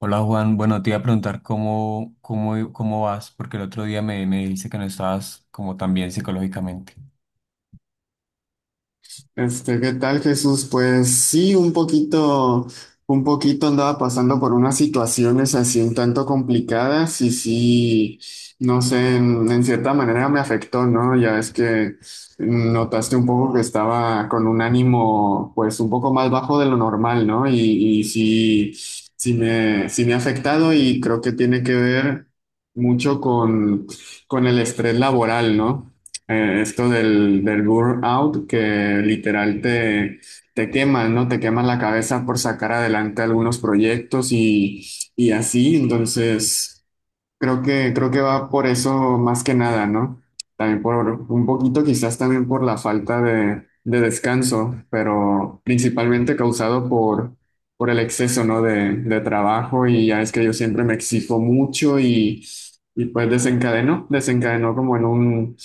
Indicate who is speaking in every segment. Speaker 1: Hola Juan, bueno, te iba a preguntar cómo vas, porque el otro día me dijiste que no estabas como tan bien psicológicamente.
Speaker 2: ¿Qué tal, Jesús? Pues sí, un poquito andaba pasando por unas situaciones así un tanto complicadas y sí, no sé, en cierta manera me afectó, ¿no? Ya es que notaste un poco que estaba con un ánimo, pues un poco más bajo de lo normal, ¿no? Y sí, sí me ha afectado y creo que tiene que ver mucho con el estrés laboral, ¿no? Esto del burnout que literal te quema, ¿no? Te quema la cabeza por sacar adelante algunos proyectos y así. Entonces, creo que va por eso más que nada, ¿no? También por un poquito, quizás también por la falta de descanso, pero principalmente causado por el exceso, ¿no? De trabajo y ya es que yo siempre me exijo mucho y pues desencadenó como en un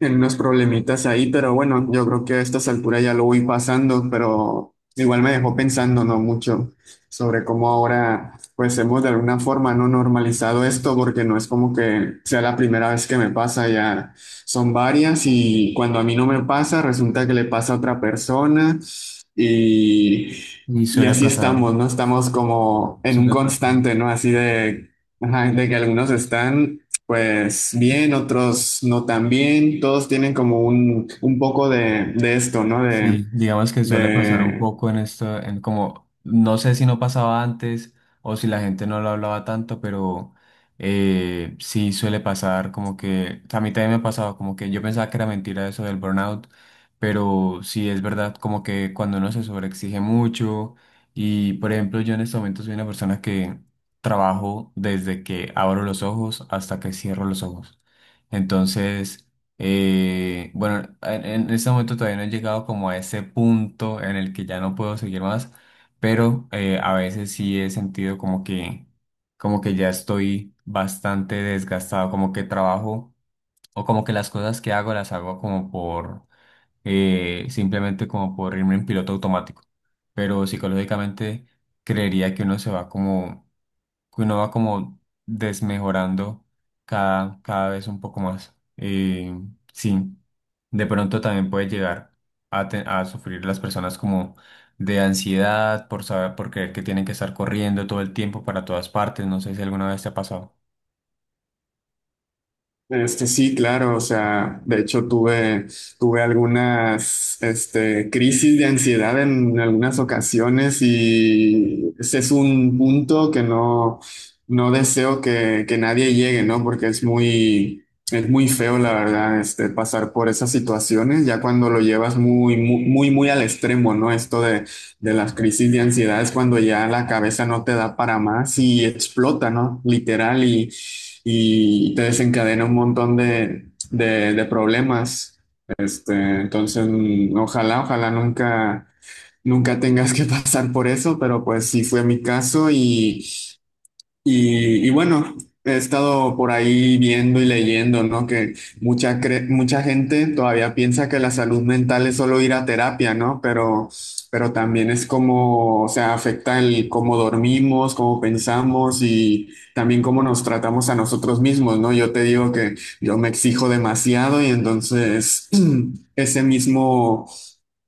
Speaker 2: en unos problemitas ahí, pero bueno, yo creo que a estas alturas ya lo voy pasando, pero igual me dejó pensando, ¿no? Mucho sobre cómo ahora, pues hemos de alguna forma no normalizado esto, porque no es como que sea la primera vez que me pasa, ya son varias y cuando a mí no me pasa, resulta que le pasa a otra persona y,
Speaker 1: Y
Speaker 2: y
Speaker 1: suele
Speaker 2: así
Speaker 1: pasar,
Speaker 2: estamos, ¿no? Estamos como en un
Speaker 1: suele pasar.
Speaker 2: constante, ¿no? Así de... Ajá, de que algunos están pues bien, otros no tan bien, todos tienen como un poco de esto, ¿no? De,
Speaker 1: Sí, digamos que suele pasar un
Speaker 2: de
Speaker 1: poco en esto, en como, no sé si no pasaba antes o si la gente no lo hablaba tanto, pero sí suele pasar como que, a mí también me ha pasado como que yo pensaba que era mentira eso del burnout, pero sí es verdad como que cuando uno se sobreexige mucho y por ejemplo yo en este momento soy una persona que trabajo desde que abro los ojos hasta que cierro los ojos. Entonces… bueno, en este momento todavía no he llegado como a ese punto en el que ya no puedo seguir más, pero a veces sí he sentido como que ya estoy bastante desgastado, como que trabajo o como que las cosas que hago las hago como por, simplemente como por irme en piloto automático, pero psicológicamente creería que uno se va como que uno va como desmejorando cada vez un poco más. Sí, de pronto también puede llegar a, a sufrir las personas como de ansiedad por saber, por creer que tienen que estar corriendo todo el tiempo para todas partes. No sé si alguna vez te ha pasado.
Speaker 2: Sí, claro, o sea, de hecho tuve algunas, este, crisis de ansiedad en algunas ocasiones y ese es un punto que no deseo que nadie llegue, ¿no? Porque es es muy feo, la verdad, este, pasar por esas situaciones, ya cuando lo llevas muy, muy, muy, muy al extremo, ¿no? Esto de las crisis de ansiedad es cuando ya la cabeza no te da para más y explota, ¿no? Literal y te desencadena un montón de problemas. Entonces ojalá nunca tengas que pasar por eso, pero pues sí fue mi caso y, y bueno, he estado por ahí viendo y leyendo, ¿no? Que mucha gente todavía piensa que la salud mental es solo ir a terapia, ¿no? Pero también es como, o sea, afecta el cómo dormimos, cómo pensamos y también cómo nos tratamos a nosotros mismos, ¿no? Yo te digo que yo me exijo demasiado y entonces ese mismo,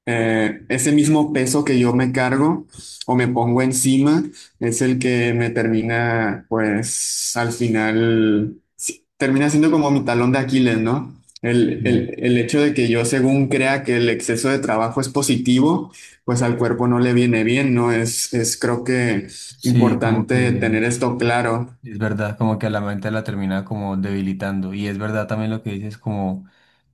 Speaker 2: ese mismo peso que yo me cargo o me pongo encima. Es el que me termina, pues al final, sí, termina siendo como mi talón de Aquiles, ¿no?
Speaker 1: Sí,
Speaker 2: El hecho de que yo según crea que el exceso de trabajo es positivo, pues al cuerpo no le viene bien, ¿no? Es creo que
Speaker 1: sí, como
Speaker 2: importante
Speaker 1: que
Speaker 2: tener esto claro.
Speaker 1: es verdad, como que a la mente la termina como debilitando. Y es verdad también lo que dices como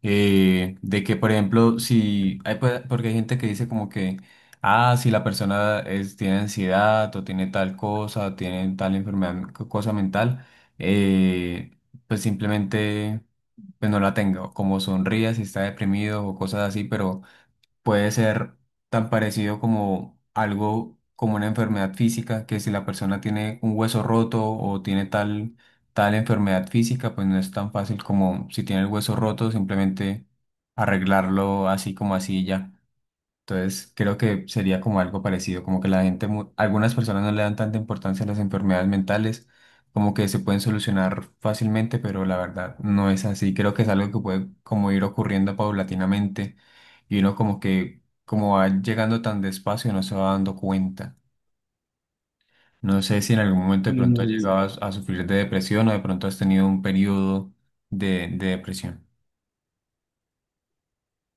Speaker 1: de que, por ejemplo, si hay, porque hay gente que dice como que, ah, si la persona es, tiene ansiedad o tiene tal cosa, tiene tal enfermedad, cosa mental, eh, pues simplemente pues no la tenga, o como sonría si está deprimido o cosas así, pero puede ser tan parecido como algo como una enfermedad física, que si la persona tiene un hueso roto o tiene tal, tal enfermedad física, pues no es tan fácil como si tiene el hueso roto, simplemente arreglarlo así como así y ya. Entonces, creo que sería como algo parecido, como que la gente, algunas personas no le dan tanta importancia a las enfermedades mentales, como que se pueden solucionar fácilmente, pero la verdad no es así. Creo que es algo que puede como ir ocurriendo paulatinamente y uno como que como va llegando tan despacio no se va dando cuenta. No sé si en algún momento de pronto has
Speaker 2: Mm.
Speaker 1: llegado a sufrir de depresión o de pronto has tenido un periodo de depresión.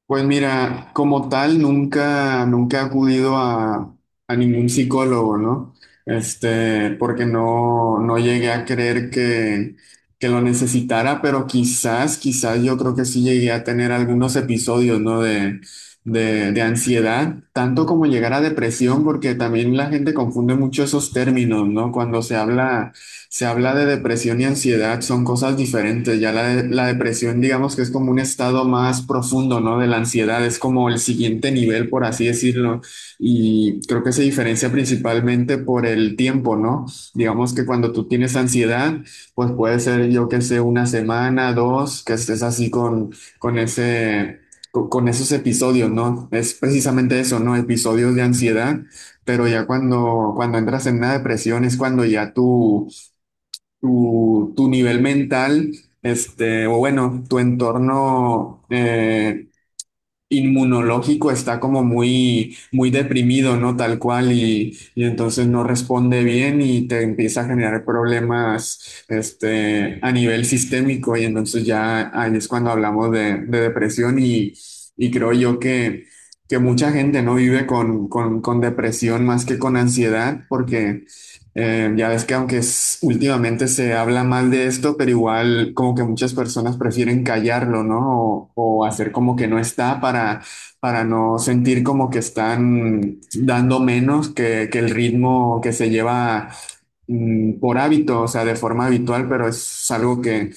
Speaker 2: Pues mira, como tal, nunca he acudido a ningún psicólogo, ¿no? Porque no llegué a creer que lo necesitara, pero quizás yo creo que sí llegué a tener algunos episodios, ¿no? De ansiedad, tanto como llegar a depresión, porque también la gente confunde mucho esos términos, ¿no? Cuando se habla Se habla de depresión y ansiedad, son cosas diferentes. La depresión, digamos que es como un estado más profundo, ¿no? De la ansiedad, es como el siguiente nivel, por así decirlo. Y creo que se diferencia principalmente por el tiempo, ¿no? Digamos que cuando tú tienes ansiedad, pues puede ser, yo que sé, una semana, dos, que estés así con ese, con esos episodios, ¿no? Es precisamente eso, ¿no? Episodios de ansiedad. Pero ya cuando entras en una depresión es cuando ya tú tu, tu nivel mental, este, o bueno, tu entorno inmunológico está como muy, muy deprimido, ¿no? Tal cual, y entonces no responde bien y te empieza a generar problemas, este, a nivel sistémico, y entonces ya ahí es cuando hablamos de depresión y creo yo que mucha gente no vive con depresión más que con ansiedad, porque ya ves que aunque es- últimamente se habla mal de esto, pero igual como que muchas personas prefieren callarlo, ¿no? O hacer como que no está para no sentir como que están dando menos que el ritmo que se lleva por hábito, o sea, de forma habitual, pero es algo que,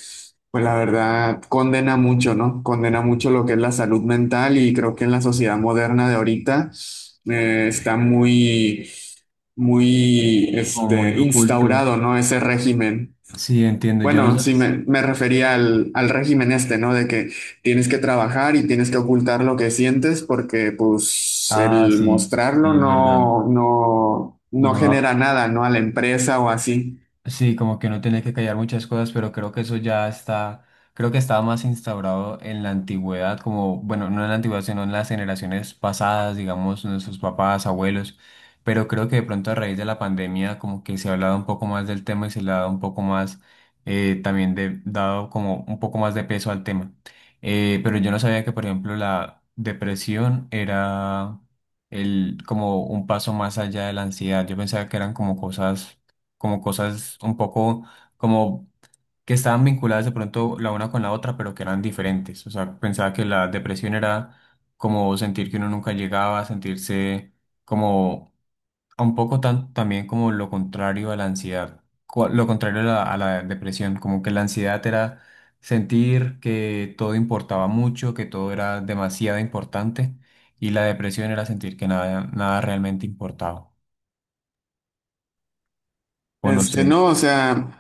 Speaker 2: pues la verdad, condena mucho, ¿no? Condena mucho lo que es la salud mental y creo que en la sociedad moderna de ahorita está muy
Speaker 1: Como muy
Speaker 2: este,
Speaker 1: oculto.
Speaker 2: instaurado, ¿no? Ese régimen.
Speaker 1: Sí, entiendo. Yo no
Speaker 2: Bueno,
Speaker 1: sé.
Speaker 2: me refería al régimen este, ¿no? De que tienes que trabajar y tienes que ocultar lo que sientes porque pues
Speaker 1: Ah,
Speaker 2: el
Speaker 1: sí, sí,
Speaker 2: mostrarlo
Speaker 1: es verdad.
Speaker 2: no
Speaker 1: No,
Speaker 2: genera nada, ¿no? A la empresa o así.
Speaker 1: sí, como que uno tiene que callar muchas cosas, pero creo que eso ya está, creo que estaba más instaurado en la antigüedad, como, bueno, no en la antigüedad, sino en las generaciones pasadas, digamos, nuestros papás, abuelos, pero creo que de pronto a raíz de la pandemia como que se ha hablado un poco más del tema y se le ha dado un poco más, también de, dado como un poco más de peso al tema. Pero yo no sabía que, por ejemplo, la depresión era el, como un paso más allá de la ansiedad. Yo pensaba que eran como cosas un poco como que estaban vinculadas de pronto la una con la otra, pero que eran diferentes. O sea, pensaba que la depresión era como sentir que uno nunca llegaba, sentirse como un poco tan, también como lo contrario a la ansiedad, lo contrario a la depresión, como que la ansiedad era sentir que todo importaba mucho, que todo era demasiado importante. Y la depresión era sentir que nada, nada realmente importaba. O no
Speaker 2: Este,
Speaker 1: sé.
Speaker 2: no, o sea,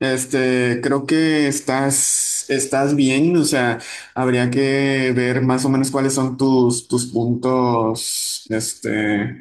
Speaker 2: este, creo que estás bien, o sea, habría que ver más o menos cuáles son tus puntos, este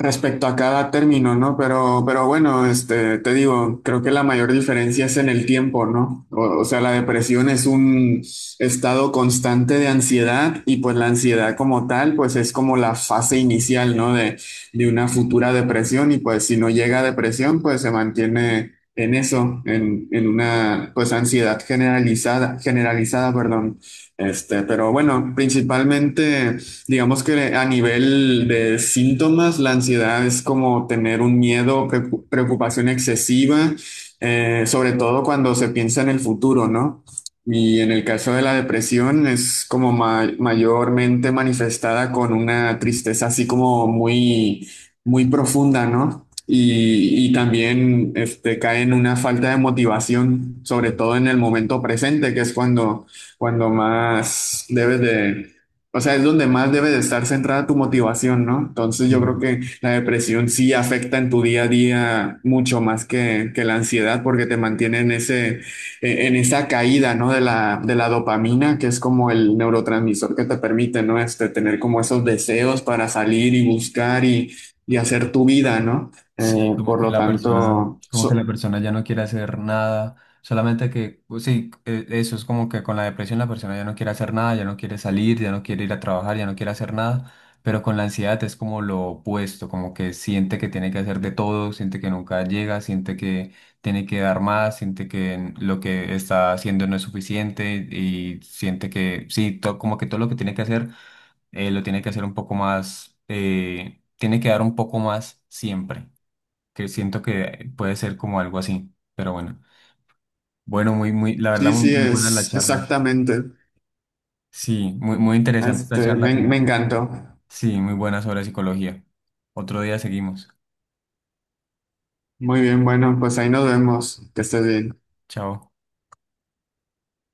Speaker 2: respecto a cada término, ¿no? Pero bueno, este, te digo, creo que la mayor diferencia es en el tiempo, ¿no? O sea, la depresión es un estado constante de ansiedad y pues la ansiedad como tal, pues es como la fase inicial, ¿no? De una futura depresión y pues si no llega a depresión, pues se mantiene en eso, en una pues ansiedad generalizada, generalizada, perdón. Este, pero bueno, principalmente... Digamos que a nivel de síntomas, la ansiedad es como tener un miedo, preocupación excesiva, sobre todo cuando se piensa en el futuro, ¿no? Y en el caso de la depresión es como mayormente manifestada con una tristeza así como muy, muy profunda, ¿no? Y también este, cae en una falta de motivación, sobre todo en el momento presente, que es cuando, cuando más debes de o sea, es donde más debe de estar centrada tu motivación, ¿no? Entonces yo creo que la depresión sí afecta en tu día a día mucho más que la ansiedad porque te mantiene en ese, en esa caída, ¿no? De la dopamina, que es como el neurotransmisor que te permite, ¿no? Este, tener como esos deseos para salir y buscar y hacer tu vida, ¿no? Eh,
Speaker 1: Sí, como
Speaker 2: por
Speaker 1: que
Speaker 2: lo
Speaker 1: la persona,
Speaker 2: tanto,
Speaker 1: como que la
Speaker 2: so-
Speaker 1: persona ya no quiere hacer nada, solamente que, pues sí, eso es como que con la depresión la persona ya no quiere hacer nada, ya no quiere salir, ya no quiere ir a trabajar, ya no quiere hacer nada, pero con la ansiedad es como lo opuesto, como que siente que tiene que hacer de todo, siente que nunca llega, siente que tiene que dar más, siente que lo que está haciendo no es suficiente y siente que, sí, como que todo lo que tiene que hacer, lo tiene que hacer un poco más, tiene que dar un poco más siempre que siento que puede ser como algo así, pero bueno. Bueno, muy, muy, la verdad,
Speaker 2: Sí,
Speaker 1: muy,
Speaker 2: sí,
Speaker 1: muy buena la
Speaker 2: es
Speaker 1: charla.
Speaker 2: exactamente.
Speaker 1: Sí, muy, muy interesante esta charla,
Speaker 2: Me
Speaker 1: como,
Speaker 2: encantó.
Speaker 1: sí, muy buena sobre psicología. Otro día seguimos.
Speaker 2: Muy bien, bueno, pues ahí nos vemos. Que estés bien.
Speaker 1: Chao.